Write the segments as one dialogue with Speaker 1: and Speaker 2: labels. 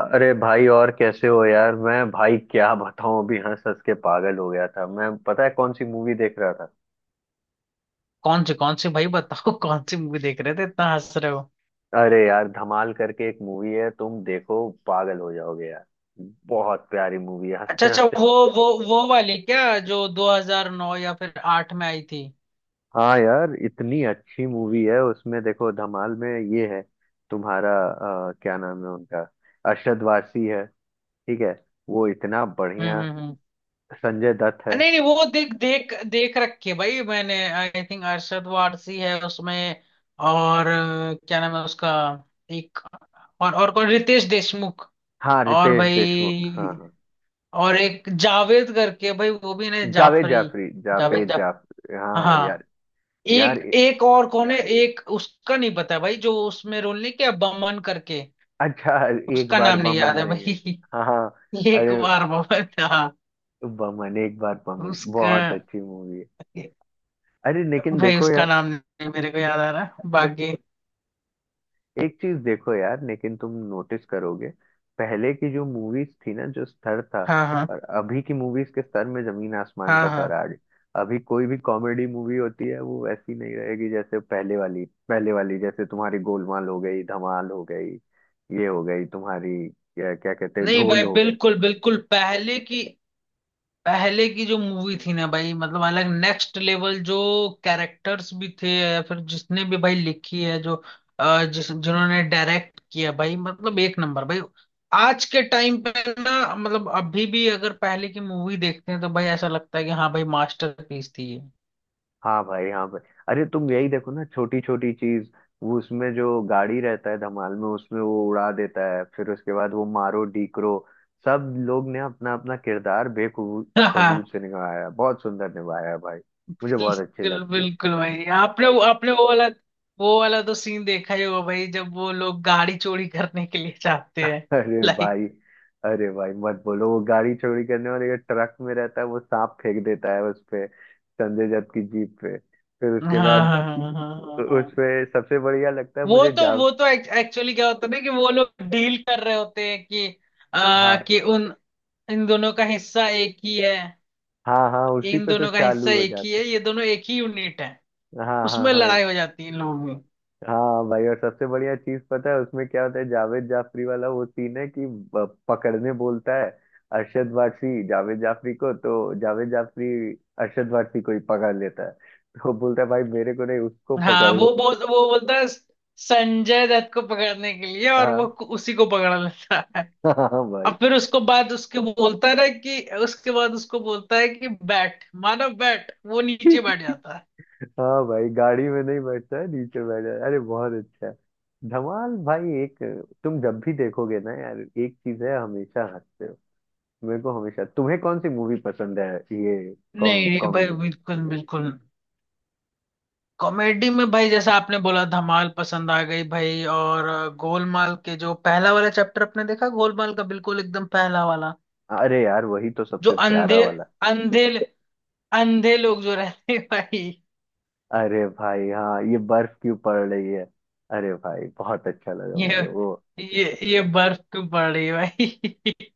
Speaker 1: अरे भाई, और कैसे हो यार। मैं भाई क्या बताऊं, अभी हंस हंस के पागल हो गया था मैं। पता है कौन सी मूवी देख रहा था?
Speaker 2: कौन सी भाई बताओ। कौन सी मूवी देख रहे थे, इतना हंस रहे हो?
Speaker 1: अरे यार, धमाल करके एक मूवी है, तुम देखो पागल हो जाओगे यार। बहुत प्यारी मूवी है,
Speaker 2: अच्छा
Speaker 1: हंसते
Speaker 2: अच्छा,
Speaker 1: हंसते।
Speaker 2: वो वाली क्या, जो 2009 या फिर 8 में आई थी?
Speaker 1: हाँ यार, इतनी अच्छी मूवी है उसमें, देखो धमाल में। ये है तुम्हारा क्या नाम है उनका, अरशद वारसी है। ठीक है, वो इतना बढ़िया।
Speaker 2: हम्म।
Speaker 1: संजय दत्त है।
Speaker 2: नहीं नहीं, वो देख देख देख रखी है भाई मैंने। आई थिंक अरशद वारसी है उसमें। और क्या नाम है उसका? एक। और कौन, रितेश देशमुख।
Speaker 1: हाँ,
Speaker 2: और
Speaker 1: रितेश देशमुख, हाँ
Speaker 2: भाई,
Speaker 1: हाँ।
Speaker 2: और एक जावेद करके भाई, वो भी ना,
Speaker 1: जावेद
Speaker 2: जाफरी।
Speaker 1: जाफरी,
Speaker 2: जावेद
Speaker 1: जावेद
Speaker 2: जा,
Speaker 1: जाफ हाँ
Speaker 2: हाँ।
Speaker 1: यार। यार
Speaker 2: एक
Speaker 1: ए-
Speaker 2: एक और कौन है, एक उसका नहीं पता भाई, जो उसमें रोल नहीं किया, बमन करके।
Speaker 1: अच्छा एक
Speaker 2: उसका
Speaker 1: बार
Speaker 2: नाम नहीं
Speaker 1: बमन
Speaker 2: याद है
Speaker 1: नहीं है?
Speaker 2: भाई।
Speaker 1: हाँ हाँ।
Speaker 2: एक
Speaker 1: अरे,
Speaker 2: बार बमन, हाँ।
Speaker 1: बमन एक बार बमन
Speaker 2: उसका,
Speaker 1: बहुत अच्छी मूवी है। अरे लेकिन
Speaker 2: भाई
Speaker 1: देखो
Speaker 2: उसका
Speaker 1: यार,
Speaker 2: नाम नहीं मेरे को याद आ रहा बाकी।
Speaker 1: एक चीज देखो यार, लेकिन तुम नोटिस करोगे। पहले की जो मूवीज थी ना, जो स्तर था,
Speaker 2: हाँ हाँ
Speaker 1: और अभी की मूवीज के स्तर में जमीन आसमान का
Speaker 2: हाँ हाँ।
Speaker 1: फराक है। अभी कोई भी कॉमेडी मूवी होती है वो वैसी नहीं रहेगी जैसे पहले वाली। पहले वाली जैसे तुम्हारी गोलमाल हो गई, धमाल हो गई, ये हो गई तुम्हारी, क्या क्या कहते हैं,
Speaker 2: नहीं भाई,
Speaker 1: ढोल हो गई।
Speaker 2: बिल्कुल बिल्कुल, पहले की। पहले की जो मूवी थी ना भाई, मतलब अलग नेक्स्ट लेवल, जो कैरेक्टर्स भी थे, या फिर जिसने भी भाई लिखी है, जो जिस जिन्होंने डायरेक्ट किया भाई, मतलब एक नंबर भाई। आज के टाइम पे ना, मतलब अभी भी अगर पहले की मूवी देखते हैं, तो भाई ऐसा लगता है कि हाँ भाई, मास्टरपीस थी ये।
Speaker 1: हाँ भाई, हाँ भाई। अरे तुम यही देखो ना, छोटी छोटी चीज। वो उसमें जो गाड़ी रहता है धमाल में, उसमें वो उड़ा देता है, फिर उसके बाद वो मारो डीकरो। सब लोग ने अपना अपना किरदार
Speaker 2: हाँ,
Speaker 1: बेखबूत से निभाया है। बहुत सुंदर निभाया है भाई। मुझे बहुत अच्छी
Speaker 2: बिल्कुल
Speaker 1: लगती है।
Speaker 2: बिल्कुल भाई, आपने वो वाला तो सीन देखा ही होगा भाई, जब वो लोग गाड़ी चोरी करने के लिए जाते हैं।
Speaker 1: अरे
Speaker 2: लाइक,
Speaker 1: भाई, अरे भाई मत बोलो, वो गाड़ी चोरी करने वाले का ट्रक में रहता है, वो सांप फेंक देता है उस पे, संजय दत्त की जीप पे, फिर
Speaker 2: हाँ
Speaker 1: उसके बाद
Speaker 2: हाँ हाँ हाँ हाँ हाँ।
Speaker 1: उस पे सबसे बढ़िया लगता है
Speaker 2: वो
Speaker 1: मुझे
Speaker 2: तो
Speaker 1: जा
Speaker 2: वो तो एक्चुअली क्या होता है ना, कि वो लोग डील कर रहे होते हैं कि
Speaker 1: हाँ
Speaker 2: कि उन, इन दोनों का हिस्सा एक ही है
Speaker 1: हाँ, हाँ उसी
Speaker 2: इन
Speaker 1: पे तो
Speaker 2: दोनों का हिस्सा
Speaker 1: चालू हो
Speaker 2: एक ही
Speaker 1: जाते
Speaker 2: है, ये दोनों एक ही यूनिट है।
Speaker 1: हैं। हाँ हाँ
Speaker 2: उसमें
Speaker 1: हाँ
Speaker 2: लड़ाई हो जाती है इन लोगों में।
Speaker 1: हाँ भाई, और सबसे बढ़िया चीज पता है उसमें क्या होता है, जावेद जाफरी वाला वो सीन है, कि पकड़ने बोलता है अरशद वारसी, जावेद जाफरी को, तो जावेद जाफरी अरशद वारसी को ही पकड़ लेता है। तो बोलता है भाई मेरे को नहीं, उसको
Speaker 2: हाँ,
Speaker 1: पकड़, उसको।
Speaker 2: वो बोलता है, संजय दत्त को पकड़ने के लिए, और वो
Speaker 1: हाँ।
Speaker 2: उसी को पकड़ लेता है।
Speaker 1: हाँ
Speaker 2: और
Speaker 1: भाई।
Speaker 2: फिर उसको बाद उसके बोलता है ना, कि उसके बाद उसको बोलता है कि बैठ, मानो बैठ, वो नीचे बैठ जाता है।
Speaker 1: हाँ भाई, गाड़ी में नहीं बैठता है, नीचे बैठ जाता है। अरे बहुत अच्छा है धमाल भाई। एक, तुम जब भी देखोगे ना यार, एक चीज है, हमेशा हंसते हो। मेरे को हमेशा, तुम्हें कौन सी मूवी पसंद है ये
Speaker 2: नहीं नहीं भाई,
Speaker 1: कॉमेडी में?
Speaker 2: बिल्कुल बिल्कुल। कॉमेडी में भाई, जैसा आपने बोला, धमाल पसंद आ गई भाई, और गोलमाल के जो पहला वाला चैप्टर, आपने देखा गोलमाल का, बिल्कुल एकदम पहला वाला,
Speaker 1: अरे यार वही तो
Speaker 2: जो
Speaker 1: सबसे प्यारा
Speaker 2: अंधे,
Speaker 1: वाला।
Speaker 2: अंधे अंधे लोग जो रहते हैं भाई।
Speaker 1: अरे भाई हाँ, ये बर्फ क्यों पड़ रही है। अरे भाई बहुत अच्छा लगा
Speaker 2: ये
Speaker 1: मुझे वो।
Speaker 2: ये ये बर्फ क्यों पड़ रही है भाई?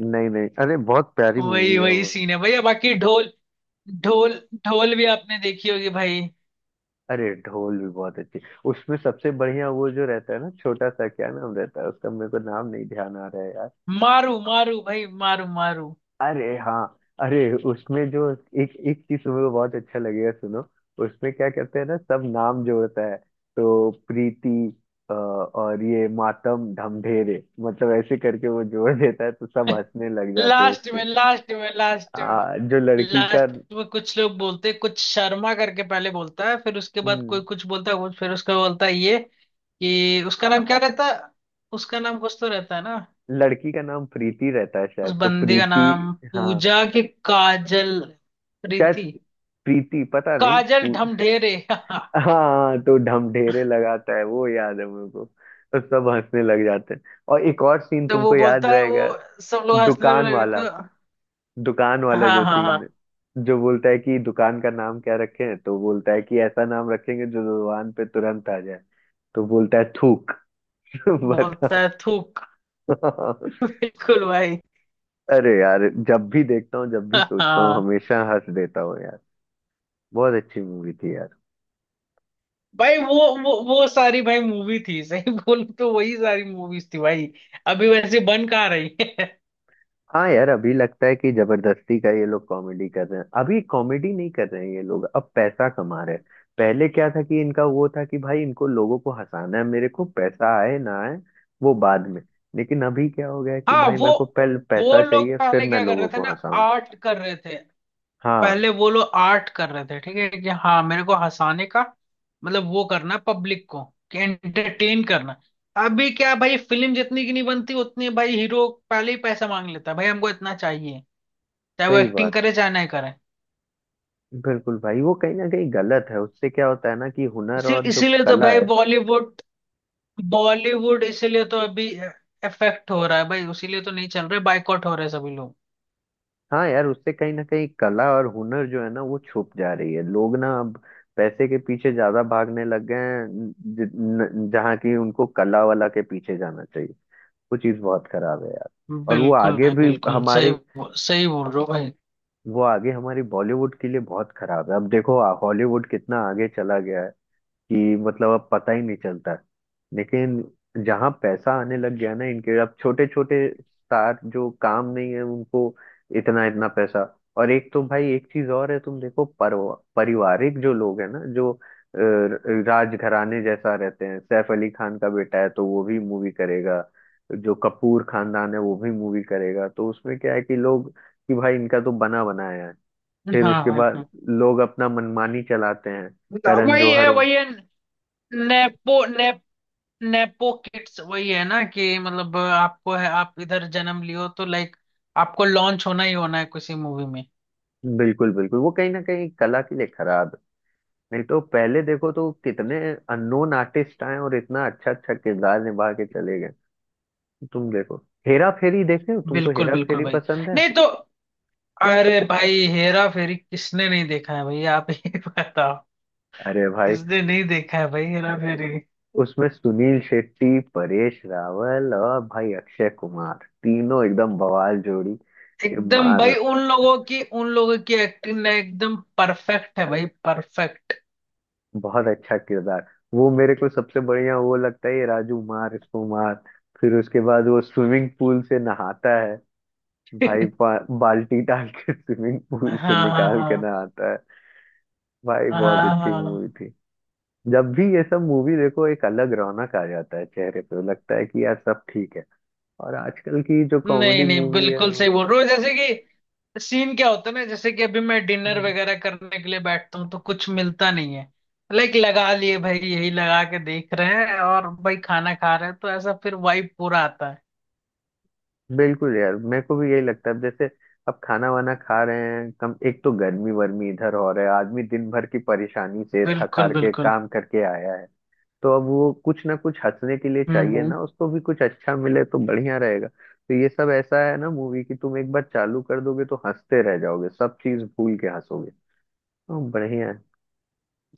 Speaker 1: नहीं नहीं, अरे बहुत प्यारी
Speaker 2: वही
Speaker 1: मूवी है
Speaker 2: वही
Speaker 1: वो।
Speaker 2: सीन है भैया। बाकी ढोल, ढोल ढोल भी आपने देखी होगी भाई।
Speaker 1: अरे ढोल भी बहुत अच्छी। उसमें सबसे बढ़िया वो जो रहता है ना, छोटा सा, क्या नाम रहता है उसका, मेरे को नाम नहीं ध्यान आ रहा है।
Speaker 2: मारू मारू भाई, मारू मारू।
Speaker 1: अरे हाँ। अरे उसमें जो, एक एक चीज तुम्हें तो बहुत अच्छा लगेगा, सुनो। उसमें क्या कहते हैं ना, सब नाम जोड़ता है, तो प्रीति और ये मातम ढमढेरे, मतलब ऐसे करके वो जोड़ देता है, तो सब हंसने लग जाते हैं
Speaker 2: लास्ट
Speaker 1: उसके।
Speaker 2: में लास्ट में लास्ट
Speaker 1: जो लड़की का,
Speaker 2: लास्ट में कुछ लोग बोलते, कुछ शर्मा करके पहले बोलता है, फिर उसके बाद कोई
Speaker 1: हम्म,
Speaker 2: कुछ बोलता है, कुछ फिर उसका बोलता है ये, कि उसका नाम क्या रहता है? उसका नाम कुछ तो रहता है ना।
Speaker 1: लड़की का नाम प्रीति रहता है
Speaker 2: उस
Speaker 1: शायद, तो
Speaker 2: बंदी का
Speaker 1: प्रीति,
Speaker 2: नाम,
Speaker 1: हाँ
Speaker 2: पूजा के, काजल,
Speaker 1: शायद,
Speaker 2: प्रीति,
Speaker 1: प्रीति पता नहीं।
Speaker 2: काजल ढमढेरे।
Speaker 1: हाँ तो ढमढेरे लगाता है, वो याद है मेरे को, तो सब हंसने लग जाते हैं। और एक और सीन
Speaker 2: तो वो
Speaker 1: तुमको याद
Speaker 2: बोलता है वो,
Speaker 1: रहेगा,
Speaker 2: सब लोग हंसने
Speaker 1: दुकान
Speaker 2: लगे।
Speaker 1: वाला, दुकान वाला
Speaker 2: हाँ
Speaker 1: जो
Speaker 2: हाँ
Speaker 1: सीन है,
Speaker 2: हाँ,
Speaker 1: जो बोलता है कि दुकान का नाम क्या रखें, तो बोलता है कि ऐसा नाम रखेंगे जो दुकान पे तुरंत आ जाए, तो बोलता है थूक।
Speaker 2: बोलता
Speaker 1: बताओ।
Speaker 2: है थूक। बिल्कुल भाई।
Speaker 1: अरे यार जब भी देखता हूँ, जब भी सोचता हूँ, हमेशा हंस देता हूँ यार। बहुत अच्छी मूवी थी यार।
Speaker 2: भाई वो, वो सारी भाई मूवी थी, सही बोलूं तो वही सारी मूवीज थी भाई। अभी वैसे बन कहाँ रही है?
Speaker 1: हाँ यार, अभी लगता है कि जबरदस्ती का ये लोग कॉमेडी कर रहे हैं, अभी कॉमेडी नहीं कर रहे हैं ये लोग, अब पैसा कमा रहे हैं। पहले क्या था कि इनका वो था कि भाई इनको लोगों को हंसाना है, मेरे को पैसा आए ना आए वो बाद में। लेकिन अभी क्या हो गया है कि
Speaker 2: हाँ,
Speaker 1: भाई मेरे को पहले
Speaker 2: वो
Speaker 1: पैसा
Speaker 2: लोग
Speaker 1: चाहिए, फिर
Speaker 2: पहले
Speaker 1: मैं
Speaker 2: क्या कर
Speaker 1: लोगों
Speaker 2: रहे थे
Speaker 1: को
Speaker 2: ना,
Speaker 1: हंसाऊं।
Speaker 2: आर्ट कर रहे थे।
Speaker 1: हाँ,
Speaker 2: पहले वो लोग आर्ट कर रहे थे, ठीक है, कि हाँ मेरे को हंसाने का, मतलब वो करना पब्लिक को, कि एंटरटेन करना। अभी क्या भाई, फिल्म जितनी की नहीं बनती उतनी भाई हीरो पहले ही पैसा मांग लेता है भाई, हमको इतना चाहिए, चाहे वो
Speaker 1: सही
Speaker 2: एक्टिंग
Speaker 1: बात।
Speaker 2: करे चाहे ना करे।
Speaker 1: बिल्कुल भाई, वो कहीं ना कहीं गलत है, उससे क्या होता है ना कि हुनर
Speaker 2: इसी
Speaker 1: और जो
Speaker 2: इसीलिए तो
Speaker 1: कला
Speaker 2: भाई
Speaker 1: है।
Speaker 2: बॉलीवुड, बॉलीवुड इसीलिए तो अभी इफेक्ट हो रहा है भाई, उसीलिए तो नहीं चल रहे, बायकॉट हो रहे सभी लोग।
Speaker 1: हाँ यार, उससे कहीं ना कहीं कला और हुनर जो है ना, वो छुप जा रही है। लोग ना अब पैसे के पीछे ज्यादा भागने लग गए हैं। जि- न- जहाँ की उनको कला वाला के पीछे जाना चाहिए। वो चीज बहुत खराब है यार। और वो
Speaker 2: बिल्कुल
Speaker 1: आगे
Speaker 2: भाई,
Speaker 1: भी
Speaker 2: बिल्कुल सही,
Speaker 1: हमारे,
Speaker 2: सही बोल रहे हो भाई।
Speaker 1: वो आगे हमारी बॉलीवुड के लिए बहुत खराब है। अब देखो हॉलीवुड कितना आगे चला गया है कि मतलब अब पता ही नहीं चलता। लेकिन जहाँ पैसा आने लग गया ना इनके, अब छोटे छोटे स्टार जो काम नहीं है उनको इतना इतना पैसा। और एक तो भाई, एक चीज और है, तुम देखो, पारिवारिक जो लोग है ना, जो राजघराने जैसा रहते हैं, सैफ अली खान का बेटा है तो वो भी मूवी करेगा, जो कपूर खानदान है वो भी मूवी करेगा, तो उसमें क्या है कि लोग कि भाई इनका तो बना बनाया है। फिर
Speaker 2: हाँ
Speaker 1: उसके
Speaker 2: हाँ
Speaker 1: बाद
Speaker 2: हाँ।
Speaker 1: लोग अपना मनमानी चलाते हैं।
Speaker 2: ना,
Speaker 1: करण
Speaker 2: वही
Speaker 1: जौहर
Speaker 2: है
Speaker 1: हो।
Speaker 2: वही है, नेपो ने, नेपो किड्स वही है ना, कि मतलब आपको है, आप इधर जन्म लियो तो लाइक, आपको लॉन्च होना ही होना है किसी मूवी में।
Speaker 1: बिल्कुल बिल्कुल, वो कहीं ना कहीं कला के लिए खराब है। नहीं तो पहले देखो तो कितने अननोन आर्टिस्ट आए और इतना अच्छा अच्छा किरदार निभा के चले गए। तुम देखो, हेरा फेरी देखे हो, तुमको
Speaker 2: बिल्कुल
Speaker 1: हेरा
Speaker 2: बिल्कुल
Speaker 1: फेरी
Speaker 2: भाई।
Speaker 1: पसंद है?
Speaker 2: नहीं तो, अरे भाई, हेरा फेरी किसने नहीं देखा है भाई? आप ही बताओ,
Speaker 1: अरे भाई,
Speaker 2: किसने नहीं देखा है भाई हेरा फेरी।
Speaker 1: उसमें सुनील शेट्टी, परेश रावल और भाई अक्षय कुमार, तीनों एकदम बवाल जोड़ी। ये
Speaker 2: एकदम
Speaker 1: मार,
Speaker 2: भाई, उन लोगों की एक्टिंग ना एकदम परफेक्ट है भाई, परफेक्ट।
Speaker 1: बहुत अच्छा किरदार। वो मेरे को सबसे बढ़िया वो लगता है, ये राजू मार इसको मार, फिर उसके बाद वो स्विमिंग पूल से नहाता है भाई, बाल्टी डाल के स्विमिंग पूल से
Speaker 2: हाँ
Speaker 1: निकाल के ना
Speaker 2: हाँ
Speaker 1: आता है। भाई बहुत
Speaker 2: हाँ हाँ
Speaker 1: अच्छी
Speaker 2: हाँ।
Speaker 1: मूवी थी। जब भी ये सब मूवी देखो, एक अलग रौनक आ जाता है चेहरे पे, लगता है कि यार सब ठीक है। और आजकल की जो
Speaker 2: नहीं
Speaker 1: कॉमेडी
Speaker 2: नहीं,
Speaker 1: मूवी है।
Speaker 2: बिल्कुल सही बोल रहे हो, जैसे कि सीन क्या होता है ना, जैसे कि अभी मैं डिनर वगैरह करने के लिए बैठता हूँ तो कुछ मिलता नहीं है, लाइक लगा लिए भाई, यही लगा के देख रहे हैं और भाई खाना खा रहे हैं, तो ऐसा फिर वाइब पूरा आता है।
Speaker 1: बिल्कुल यार, मेरे को भी यही लगता है, जैसे अब खाना वाना खा रहे हैं कम, एक तो गर्मी वर्मी इधर हो रहा है, आदमी दिन भर की परेशानी से थक
Speaker 2: बिल्कुल
Speaker 1: हार के
Speaker 2: बिल्कुल।
Speaker 1: काम करके आया है, तो अब वो कुछ ना कुछ हंसने के लिए
Speaker 2: हम्म
Speaker 1: चाहिए
Speaker 2: हम्म।
Speaker 1: ना, उसको भी कुछ अच्छा मिले तो बढ़िया रहेगा। तो ये सब ऐसा है ना मूवी कि तुम एक बार चालू कर दोगे तो हंसते रह जाओगे, सब चीज भूल के हंसोगे। तो बढ़िया है।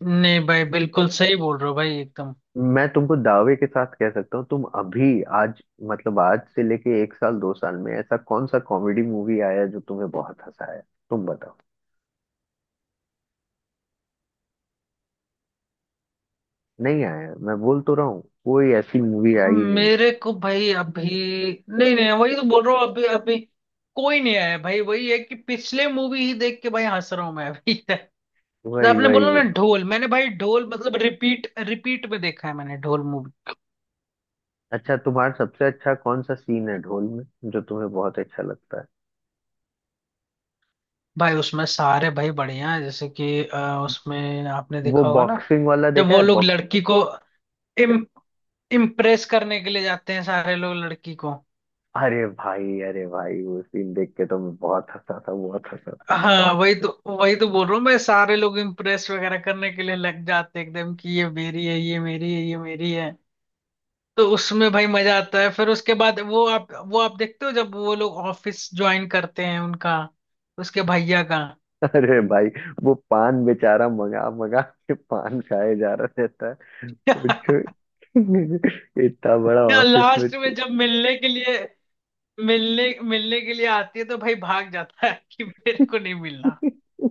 Speaker 2: नहीं भाई, बिल्कुल सही बोल रहे हो भाई, एकदम।
Speaker 1: मैं तुमको दावे के साथ कह सकता हूँ, तुम अभी आज, मतलब आज से लेके एक साल दो साल में ऐसा कौन सा कॉमेडी मूवी आया जो तुम्हें बहुत हंसाया, तुम बताओ। नहीं आया, मैं बोल तो रहा हूँ, कोई ऐसी मूवी आई नहीं।
Speaker 2: मेरे को भाई अभी, नहीं नहीं, वही तो बोल रहा हूँ, अभी अभी कोई नहीं आया भाई, वही है कि पिछले मूवी ही देख के भाई हंस रहा हूँ मैं अभी। तो
Speaker 1: वही
Speaker 2: आपने
Speaker 1: वही
Speaker 2: बोला ना
Speaker 1: वही।
Speaker 2: ढोल, मैंने भाई ढोल मतलब रिपीट रिपीट में देखा है मैंने ढोल मूवी।
Speaker 1: अच्छा, तुम्हारा सबसे अच्छा कौन सा सीन है ढोल में, जो तुम्हें बहुत अच्छा लगता है?
Speaker 2: भाई उसमें सारे भाई बढ़िया है, जैसे कि उसमें आपने
Speaker 1: वो
Speaker 2: देखा होगा ना,
Speaker 1: बॉक्सिंग वाला
Speaker 2: जब
Speaker 1: देखा
Speaker 2: वो
Speaker 1: है,
Speaker 2: लोग
Speaker 1: बॉक्स
Speaker 2: लड़की को इम, इम्प्रेस करने के लिए जाते हैं, सारे लोग लड़की को।
Speaker 1: अरे भाई, अरे भाई वो सीन देख के तो मैं बहुत हंसा था, बहुत हंसा
Speaker 2: हाँ, वही तो, वही तो बोल रहा हूँ मैं, सारे लोग इम्प्रेस वगैरह करने के लिए लग जाते हैं एकदम, कि ये मेरी है, ये मेरी है, ये मेरी है। तो उसमें भाई मजा आता है, फिर उसके बाद वो आप देखते हो जब वो लोग ऑफिस ज्वाइन करते हैं उनका, उसके भैया का।
Speaker 1: था। अरे भाई, वो पान बेचारा मंगा मंगा के पान खाए जा रहा रहता है, वो जो- इतना बड़ा
Speaker 2: या
Speaker 1: ऑफिस में
Speaker 2: लास्ट में जब मिलने के लिए, मिलने मिलने के लिए आती है तो भाई भाग जाता है कि मेरे को नहीं मिलना।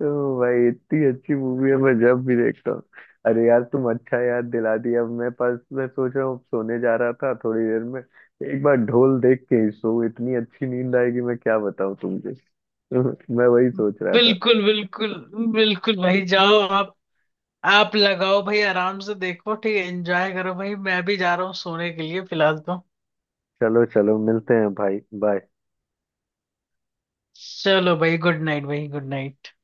Speaker 1: तो भाई इतनी अच्छी मूवी है, मैं जब भी देखता हूँ। अरे यार तुम अच्छा याद दिला दिया, अब मैं पास, मैं सोच रहा हूँ सोने जा रहा था थोड़ी देर में, एक बार ढोल देख के ही सो, इतनी अच्छी नींद आएगी मैं क्या बताऊँ तुमसे। मैं वही सोच रहा था।
Speaker 2: बिल्कुल बिल्कुल, बिल्कुल भाई, जाओ आप लगाओ भाई, आराम से देखो, ठीक है, एंजॉय करो भाई, मैं भी जा रहा हूँ सोने के लिए फिलहाल तो।
Speaker 1: चलो चलो, मिलते हैं भाई, बाय।
Speaker 2: चलो भाई, गुड नाइट भाई, गुड नाइट।